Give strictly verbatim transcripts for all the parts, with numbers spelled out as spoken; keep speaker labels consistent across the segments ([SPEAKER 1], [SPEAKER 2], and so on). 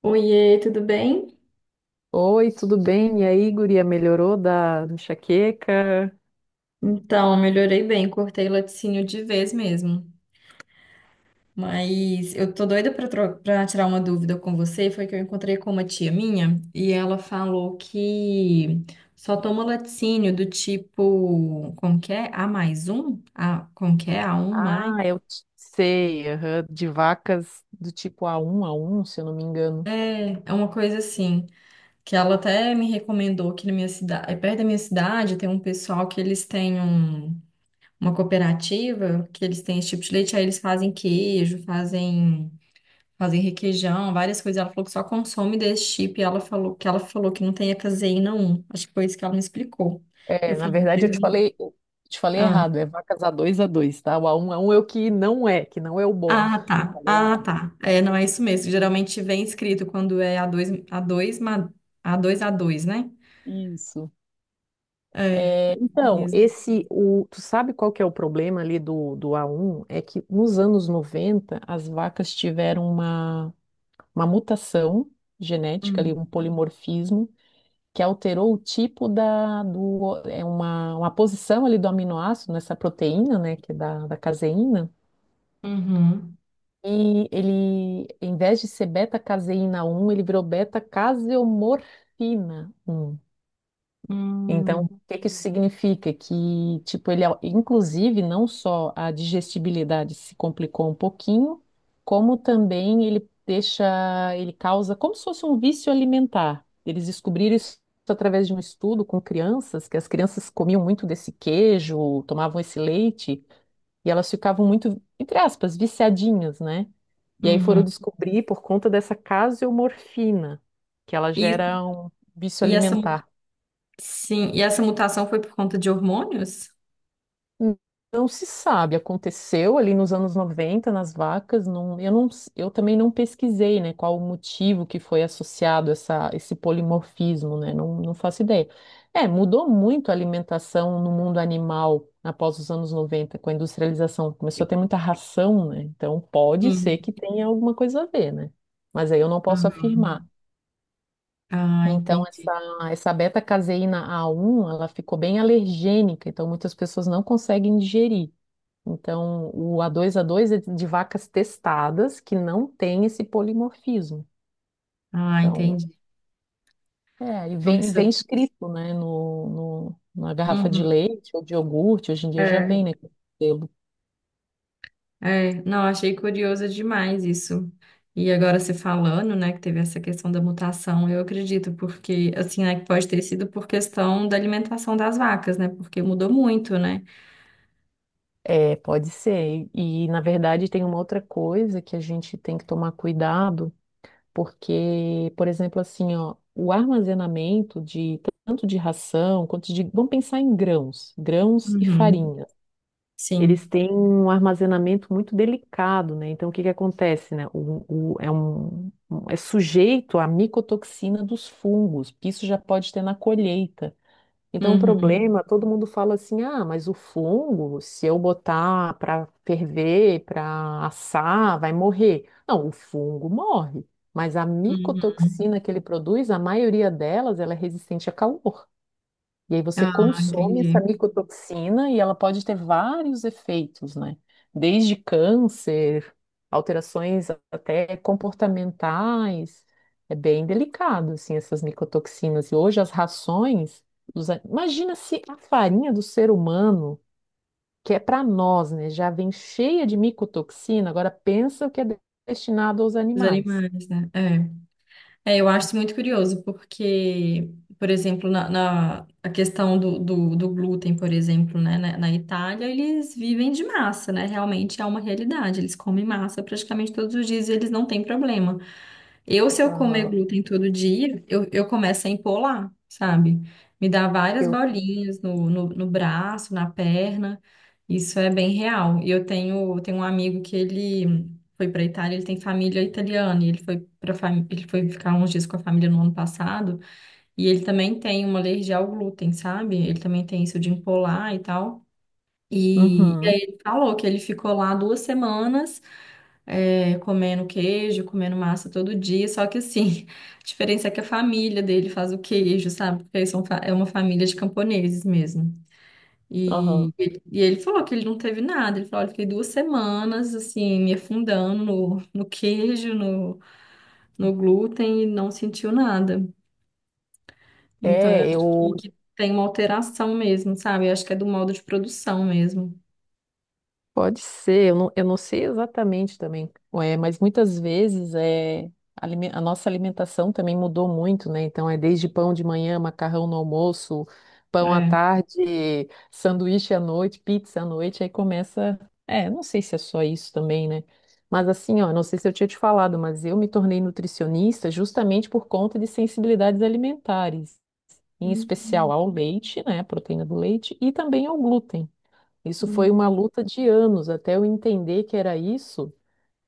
[SPEAKER 1] Oiê, tudo bem?
[SPEAKER 2] Oi, tudo bem? E aí, guria, melhorou da enxaqueca?
[SPEAKER 1] Então, melhorei bem, cortei o laticínio de vez mesmo. Mas eu tô doida pra, tro- pra tirar uma dúvida com você. Foi que eu encontrei com uma tia minha e ela falou que só toma laticínio do tipo, como que é? A mais um? A, como que é? A um mais?
[SPEAKER 2] Ah, eu t- sei, aham, de vacas do tipo a um a um, se eu não me
[SPEAKER 1] É,
[SPEAKER 2] engano.
[SPEAKER 1] é uma coisa assim. Que ela até me recomendou que na minha cidade, perto da minha cidade, tem um pessoal que eles têm um. uma cooperativa que eles têm esse tipo de leite, aí eles fazem queijo, fazem, fazem requeijão, várias coisas. Ela falou que só consome desse tipo e ela falou que ela falou que não tem a caseína um. Acho que foi isso que ela me explicou.
[SPEAKER 2] É,
[SPEAKER 1] Eu
[SPEAKER 2] na
[SPEAKER 1] falei,
[SPEAKER 2] verdade eu te
[SPEAKER 1] "Pergunta-
[SPEAKER 2] falei, eu te falei
[SPEAKER 1] ah,
[SPEAKER 2] errado, é vacas a dois a dois, tá? O a um a um é o que não é, que não é o bom.
[SPEAKER 1] ah,
[SPEAKER 2] Eu
[SPEAKER 1] tá,
[SPEAKER 2] falei
[SPEAKER 1] ah,
[SPEAKER 2] errado.
[SPEAKER 1] tá. É, não é isso mesmo. Geralmente vem escrito quando é a dois a dois ma- a dois a dois, né?
[SPEAKER 2] Isso.
[SPEAKER 1] É, é
[SPEAKER 2] É,
[SPEAKER 1] isso
[SPEAKER 2] então,
[SPEAKER 1] mesmo.
[SPEAKER 2] esse, o, tu sabe qual que é o problema ali do, do a um? É que nos anos noventa as vacas tiveram uma, uma mutação genética ali,
[SPEAKER 1] Hum.
[SPEAKER 2] um polimorfismo, que alterou o tipo da, do, é uma, uma posição ali do aminoácido nessa proteína, né, que é da, da caseína.
[SPEAKER 1] Uhum.
[SPEAKER 2] E ele, em vez de ser beta-caseína um, ele virou beta-caseomorfina um. Então,
[SPEAKER 1] Hum.
[SPEAKER 2] o que que isso significa? Que, tipo, ele, au- inclusive, não só a digestibilidade se complicou um pouquinho, como também ele deixa, ele causa como se fosse um vício alimentar. Eles descobriram isso através de um estudo com crianças, que as crianças comiam muito desse queijo, tomavam esse leite, e elas ficavam muito, entre aspas, viciadinhas, né? E aí foram
[SPEAKER 1] Uhum.
[SPEAKER 2] descobrir por conta dessa caseomorfina, que ela
[SPEAKER 1] E,
[SPEAKER 2] gera um vício
[SPEAKER 1] e essa, mu-
[SPEAKER 2] alimentar.
[SPEAKER 1] sim, e essa mutação foi por conta de hormônios?
[SPEAKER 2] Não se sabe, aconteceu ali nos anos noventa nas vacas. Não, eu, não, eu também não pesquisei, né, qual o motivo que foi associado essa, esse polimorfismo, né. Não, não faço ideia. É, mudou muito a alimentação no mundo animal após os anos noventa com a industrialização, começou a ter muita ração, né, então pode
[SPEAKER 1] Sim.
[SPEAKER 2] ser que tenha alguma coisa a ver, né, mas aí eu não posso afirmar.
[SPEAKER 1] Uhum. Ah,
[SPEAKER 2] Então,
[SPEAKER 1] entendi.
[SPEAKER 2] essa, essa beta-caseína a um ela ficou bem alergênica, então muitas pessoas não conseguem digerir. Então, o A dois A dois é de vacas testadas que não tem esse polimorfismo.
[SPEAKER 1] Ah,
[SPEAKER 2] Então,
[SPEAKER 1] entendi.
[SPEAKER 2] é, e vem,
[SPEAKER 1] Nossa.
[SPEAKER 2] vem escrito, né, no, no- na garrafa de
[SPEAKER 1] Uhum.
[SPEAKER 2] leite ou de iogurte, hoje em dia já
[SPEAKER 1] É,
[SPEAKER 2] vem, né, com selo.
[SPEAKER 1] é. Não, achei curioso demais isso. E agora você falando, né, que teve essa questão da mutação, eu acredito, porque, assim, né, que pode ter sido por questão da alimentação das vacas, né, porque mudou muito, né?
[SPEAKER 2] É, pode ser. E, na verdade, tem uma outra coisa que a gente tem que tomar cuidado, porque, por exemplo, assim, ó, o armazenamento de tanto de ração quanto de, vamos pensar em grãos, grãos e
[SPEAKER 1] Uhum.
[SPEAKER 2] farinha. Eles
[SPEAKER 1] Sim.
[SPEAKER 2] têm um armazenamento muito delicado, né? Então, o que que acontece, né? O, o- é, um, um- é sujeito à micotoxina dos fungos, que isso já pode ter na colheita. Então, o
[SPEAKER 1] Uhum.
[SPEAKER 2] problema, todo mundo fala assim, ah, mas o fungo, se eu botar para ferver, para assar, vai morrer. Não, o fungo morre, mas a
[SPEAKER 1] Uhum.
[SPEAKER 2] micotoxina que ele produz, a maioria delas, ela é resistente a calor. E aí você
[SPEAKER 1] Ah,
[SPEAKER 2] consome essa
[SPEAKER 1] entendi.
[SPEAKER 2] micotoxina e ela pode ter vários efeitos, né? Desde câncer, alterações até comportamentais. É bem delicado, assim, essas micotoxinas. E hoje as rações. dos... a- Imagina se a farinha do ser humano, que é para nós, né, já vem cheia de micotoxina, agora pensa o que é de- destinado aos
[SPEAKER 1] Os
[SPEAKER 2] animais.
[SPEAKER 1] animais, né? É. É, eu acho isso muito curioso, porque, por exemplo, na, na- a questão do, do, do glúten, por exemplo, né, na, na Itália, eles vivem de massa, né? Realmente é uma realidade. Eles comem massa praticamente todos os dias e eles não têm problema. Eu, se eu comer
[SPEAKER 2] Aham.
[SPEAKER 1] glúten todo dia, eu, eu começo a empolar, sabe? Me dá várias
[SPEAKER 2] Eu também.
[SPEAKER 1] bolinhas no, no, no braço, na perna. Isso é bem real. E eu tenho, tenho um amigo que ele foi para Itália, ele tem família italiana, e ele foi para ele foi ficar uns dias com a família no ano passado, e ele também tem uma alergia ao glúten, sabe? Ele também tem isso de empolar e tal. E, e
[SPEAKER 2] Uhum.
[SPEAKER 1] aí ele falou que ele ficou lá duas semanas, é, comendo queijo, comendo massa todo dia, só que assim, a diferença é que a família dele faz o queijo, sabe? Porque eles são, fa- é uma família de camponeses mesmo. E,
[SPEAKER 2] Aham.
[SPEAKER 1] ele- e ele falou que ele não teve nada, ele falou, olha, eu fiquei duas semanas, assim, me afundando no, no queijo, no, no glúten e não sentiu nada. Então, eu
[SPEAKER 2] É,
[SPEAKER 1] acho
[SPEAKER 2] eu
[SPEAKER 1] que, que tem uma alteração mesmo, sabe? Eu acho que é do modo de produção mesmo.
[SPEAKER 2] pode ser, eu não, eu não sei exatamente também, é, mas muitas vezes é, alime- a nossa alimentação também mudou muito, né? Então é desde pão de manhã, macarrão no almoço, pão à
[SPEAKER 1] É.
[SPEAKER 2] tarde, sanduíche à noite, pizza à noite, aí começa. É, não sei se é só isso também, né? Mas assim, ó, não sei se eu tinha te falado, mas eu me tornei nutricionista justamente por conta de sensibilidades alimentares, em especial
[SPEAKER 1] Hum.
[SPEAKER 2] ao leite, né? Proteína do leite e também ao glúten. Isso foi uma
[SPEAKER 1] Hum.
[SPEAKER 2] luta de anos até eu entender que era isso.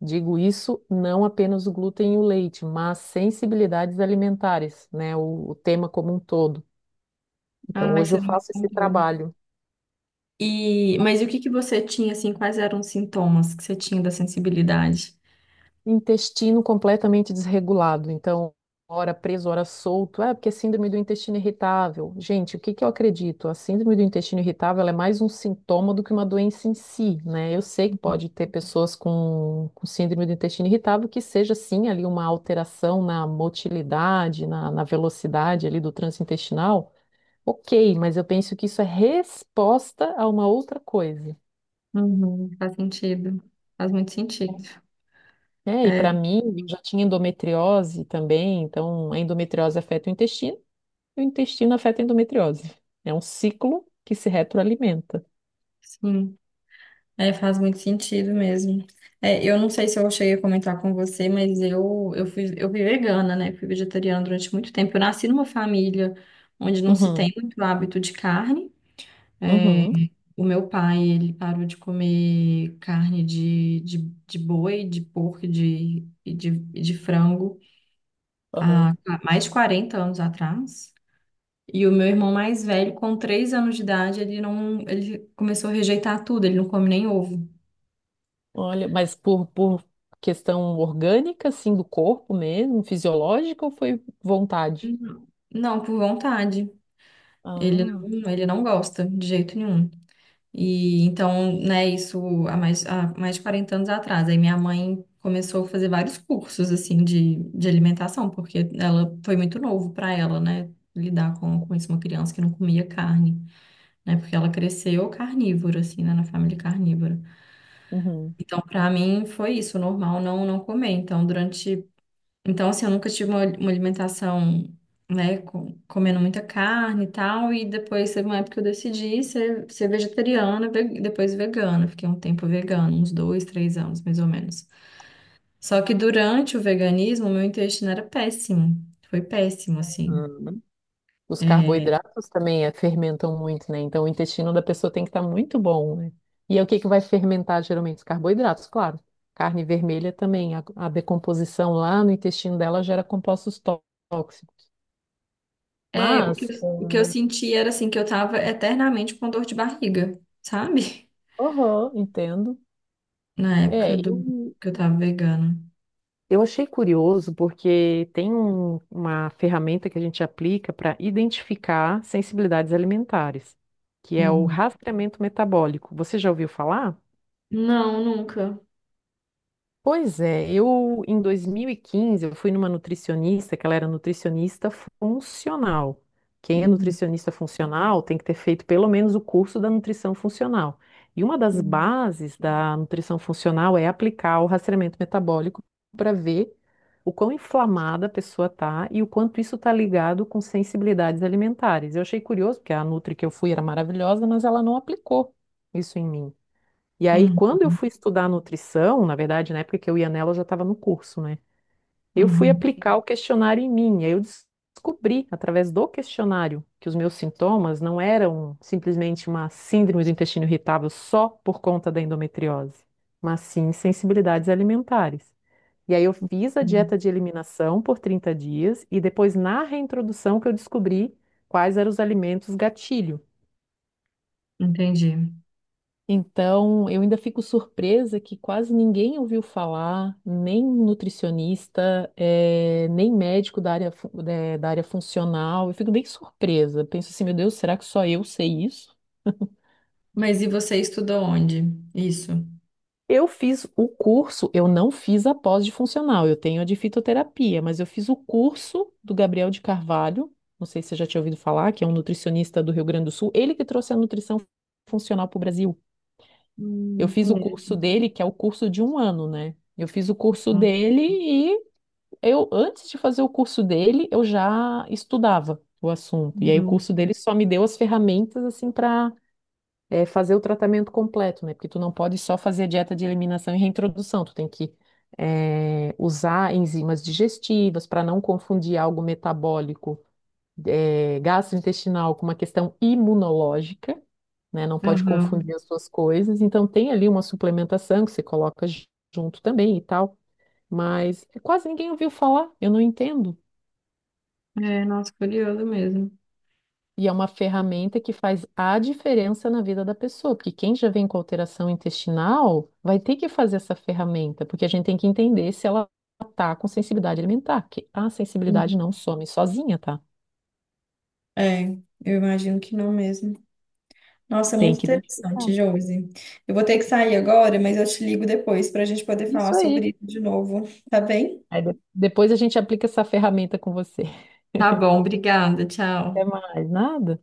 [SPEAKER 2] Digo isso não apenas o glúten e o leite, mas sensibilidades alimentares, né? O, o tema como um todo. Então,
[SPEAKER 1] Ai,
[SPEAKER 2] hoje
[SPEAKER 1] você
[SPEAKER 2] eu
[SPEAKER 1] não me
[SPEAKER 2] faço esse
[SPEAKER 1] contou.
[SPEAKER 2] trabalho.
[SPEAKER 1] E, mas e o que que você tinha, assim, quais eram os sintomas que você tinha da sensibilidade?
[SPEAKER 2] Intestino completamente desregulado, então, hora preso, hora solto. É, porque é síndrome do intestino irritável. Gente, o que que eu acredito? A síndrome do intestino irritável ela é mais um sintoma do que uma doença em si, né? Eu sei que pode ter pessoas com, com síndrome do intestino irritável que seja, sim, ali uma alteração na motilidade, na, na velocidade ali do trânsito intestinal. Ok, mas eu penso que isso é resposta a uma outra coisa.
[SPEAKER 1] Uhum, faz sentido. Faz muito sentido.
[SPEAKER 2] É, e
[SPEAKER 1] É,
[SPEAKER 2] para mim, eu já tinha endometriose também, então a endometriose afeta o intestino e o intestino afeta a endometriose. É um ciclo que se retroalimenta.
[SPEAKER 1] sim. É, faz muito sentido mesmo. É, eu não sei se eu cheguei a comentar com você, mas eu, eu fui, eu fui vegana, né? Fui vegetariana durante muito tempo. Eu nasci numa família onde não se
[SPEAKER 2] Uhum,
[SPEAKER 1] tem muito hábito de carne.
[SPEAKER 2] uhum,
[SPEAKER 1] O meu pai, ele parou de comer carne de, de, de boi, de porco, de, e de, e de frango.
[SPEAKER 2] aham.
[SPEAKER 1] Há mais de quarenta anos atrás. E o meu irmão mais velho, com três anos de idade, ele não, ele começou a rejeitar tudo, ele não come nem ovo.
[SPEAKER 2] Olha, mas por, por questão orgânica, assim, do corpo mesmo, fisiológica, ou foi vontade?
[SPEAKER 1] Não. Não, por vontade. Ele
[SPEAKER 2] Ah,
[SPEAKER 1] não, ele não gosta de jeito nenhum. E então, né, isso há mais, há mais de quarenta anos atrás. Aí minha mãe começou a fazer vários cursos assim de, de alimentação, porque ela foi muito novo para ela, né, lidar com, com isso, uma criança que não comia carne, né, porque ela cresceu carnívora assim, né, na família carnívora.
[SPEAKER 2] uhum.
[SPEAKER 1] Então, para mim, foi isso, normal não não comer. Então, durante. Então, assim, eu nunca tive uma, uma alimentação, né, com- comendo muita carne e tal. E depois teve uma época que eu decidi ser, ser vegetariana, ve- depois vegana. Fiquei um tempo vegana, uns dois, três anos, mais ou menos. Só que durante o veganismo, meu intestino era péssimo. Foi péssimo, assim.
[SPEAKER 2] Ah, os
[SPEAKER 1] É,
[SPEAKER 2] carboidratos também é, fermentam muito, né? Então o intestino da pessoa tem que estar muito bom, né? E é o que que vai fermentar geralmente? Os carboidratos, claro. Carne vermelha também, a, a decomposição lá no intestino dela gera compostos tó- tóxicos.
[SPEAKER 1] é, o que,
[SPEAKER 2] Mas,
[SPEAKER 1] eu- o que eu
[SPEAKER 2] hum,
[SPEAKER 1] senti era assim que eu tava eternamente com dor de barriga, sabe?
[SPEAKER 2] aham, entendo.
[SPEAKER 1] Na
[SPEAKER 2] É,
[SPEAKER 1] época do
[SPEAKER 2] eu,
[SPEAKER 1] que eu tava vegana.
[SPEAKER 2] eu achei curioso porque tem um- uma ferramenta que a gente aplica para identificar sensibilidades alimentares, que é o
[SPEAKER 1] Uhum.
[SPEAKER 2] rastreamento metabólico. Você já ouviu falar?
[SPEAKER 1] Não, nunca.
[SPEAKER 2] Pois é, eu em dois mil e quinze eu fui numa nutricionista, que ela era nutricionista funcional. Quem é
[SPEAKER 1] Uhum,
[SPEAKER 2] nutricionista funcional tem que ter feito pelo menos o curso da nutrição funcional. E uma das
[SPEAKER 1] sim.
[SPEAKER 2] bases da nutrição funcional é aplicar o rastreamento metabólico para ver o quão inflamada a pessoa está e o quanto isso está ligado com sensibilidades alimentares. Eu achei curioso, porque a nutri que eu fui era maravilhosa, mas ela não aplicou isso em mim. E aí, quando eu
[SPEAKER 1] Uhum,
[SPEAKER 2] fui estudar nutrição, na verdade, na época que eu ia nela, eu já estava no curso, né? Eu fui
[SPEAKER 1] uhum,
[SPEAKER 2] aplicar o questionário em mim. Aí eu des- descobri, através do questionário, que os meus sintomas não eram simplesmente uma síndrome do intestino irritável só por conta da endometriose, mas sim sensibilidades alimentares. E aí eu fiz a
[SPEAKER 1] uhum.
[SPEAKER 2] dieta de eliminação por trinta dias e depois, na reintrodução, que eu descobri quais eram os alimentos gatilho.
[SPEAKER 1] Entendi.
[SPEAKER 2] Então, eu ainda fico surpresa que quase ninguém ouviu falar, nem nutricionista, eh, nem médico da área, fu- eh, da área funcional. Eu fico bem surpresa. Penso assim, meu Deus, será que só eu sei isso?
[SPEAKER 1] Mas e você estudou onde? Isso.
[SPEAKER 2] Eu fiz o curso, eu não fiz a pós de funcional, eu tenho a de fitoterapia, mas eu fiz o curso do Gabriel de Carvalho, não sei se você já tinha ouvido falar, que é um nutricionista do Rio Grande do Sul, ele que trouxe a nutrição funcional para o Brasil. Eu
[SPEAKER 1] Hum,
[SPEAKER 2] fiz o curso
[SPEAKER 1] conheço.
[SPEAKER 2] dele, que é o curso de um ano, né? Eu fiz o curso dele e eu, antes de fazer o curso dele, eu já estudava o assunto. E aí o
[SPEAKER 1] Uhum.
[SPEAKER 2] curso dele só me deu as ferramentas assim para fazer o tratamento completo, né? Porque tu não pode só fazer a dieta de eliminação e reintrodução, tu tem que eh, usar enzimas digestivas para não confundir algo metabólico eh, gastrointestinal com uma questão imunológica, né? Não pode
[SPEAKER 1] Aham.
[SPEAKER 2] confundir as duas coisas. Então tem ali uma suplementação que você coloca ju- junto também e tal, mas quase ninguém ouviu falar, eu não entendo.
[SPEAKER 1] É, nossa, curioso mesmo.
[SPEAKER 2] E é uma ferramenta que faz a diferença na vida da pessoa, porque quem já vem com alteração intestinal vai ter que fazer essa ferramenta, porque a gente tem que entender se ela tá com sensibilidade alimentar, que a
[SPEAKER 1] Uhum.
[SPEAKER 2] sensibilidade não some sozinha, tá?
[SPEAKER 1] É, eu imagino que não mesmo. Nossa, é
[SPEAKER 2] Tem
[SPEAKER 1] muito
[SPEAKER 2] que
[SPEAKER 1] interessante,
[SPEAKER 2] identificar.
[SPEAKER 1] Josi. Eu vou ter que sair agora, mas eu te ligo depois para a gente poder falar
[SPEAKER 2] Isso aí.
[SPEAKER 1] sobre isso de novo, tá bem?
[SPEAKER 2] Aí de- depois a gente aplica essa ferramenta com você.
[SPEAKER 1] Tá bom, obrigada.
[SPEAKER 2] Até
[SPEAKER 1] Tchau.
[SPEAKER 2] mais, nada.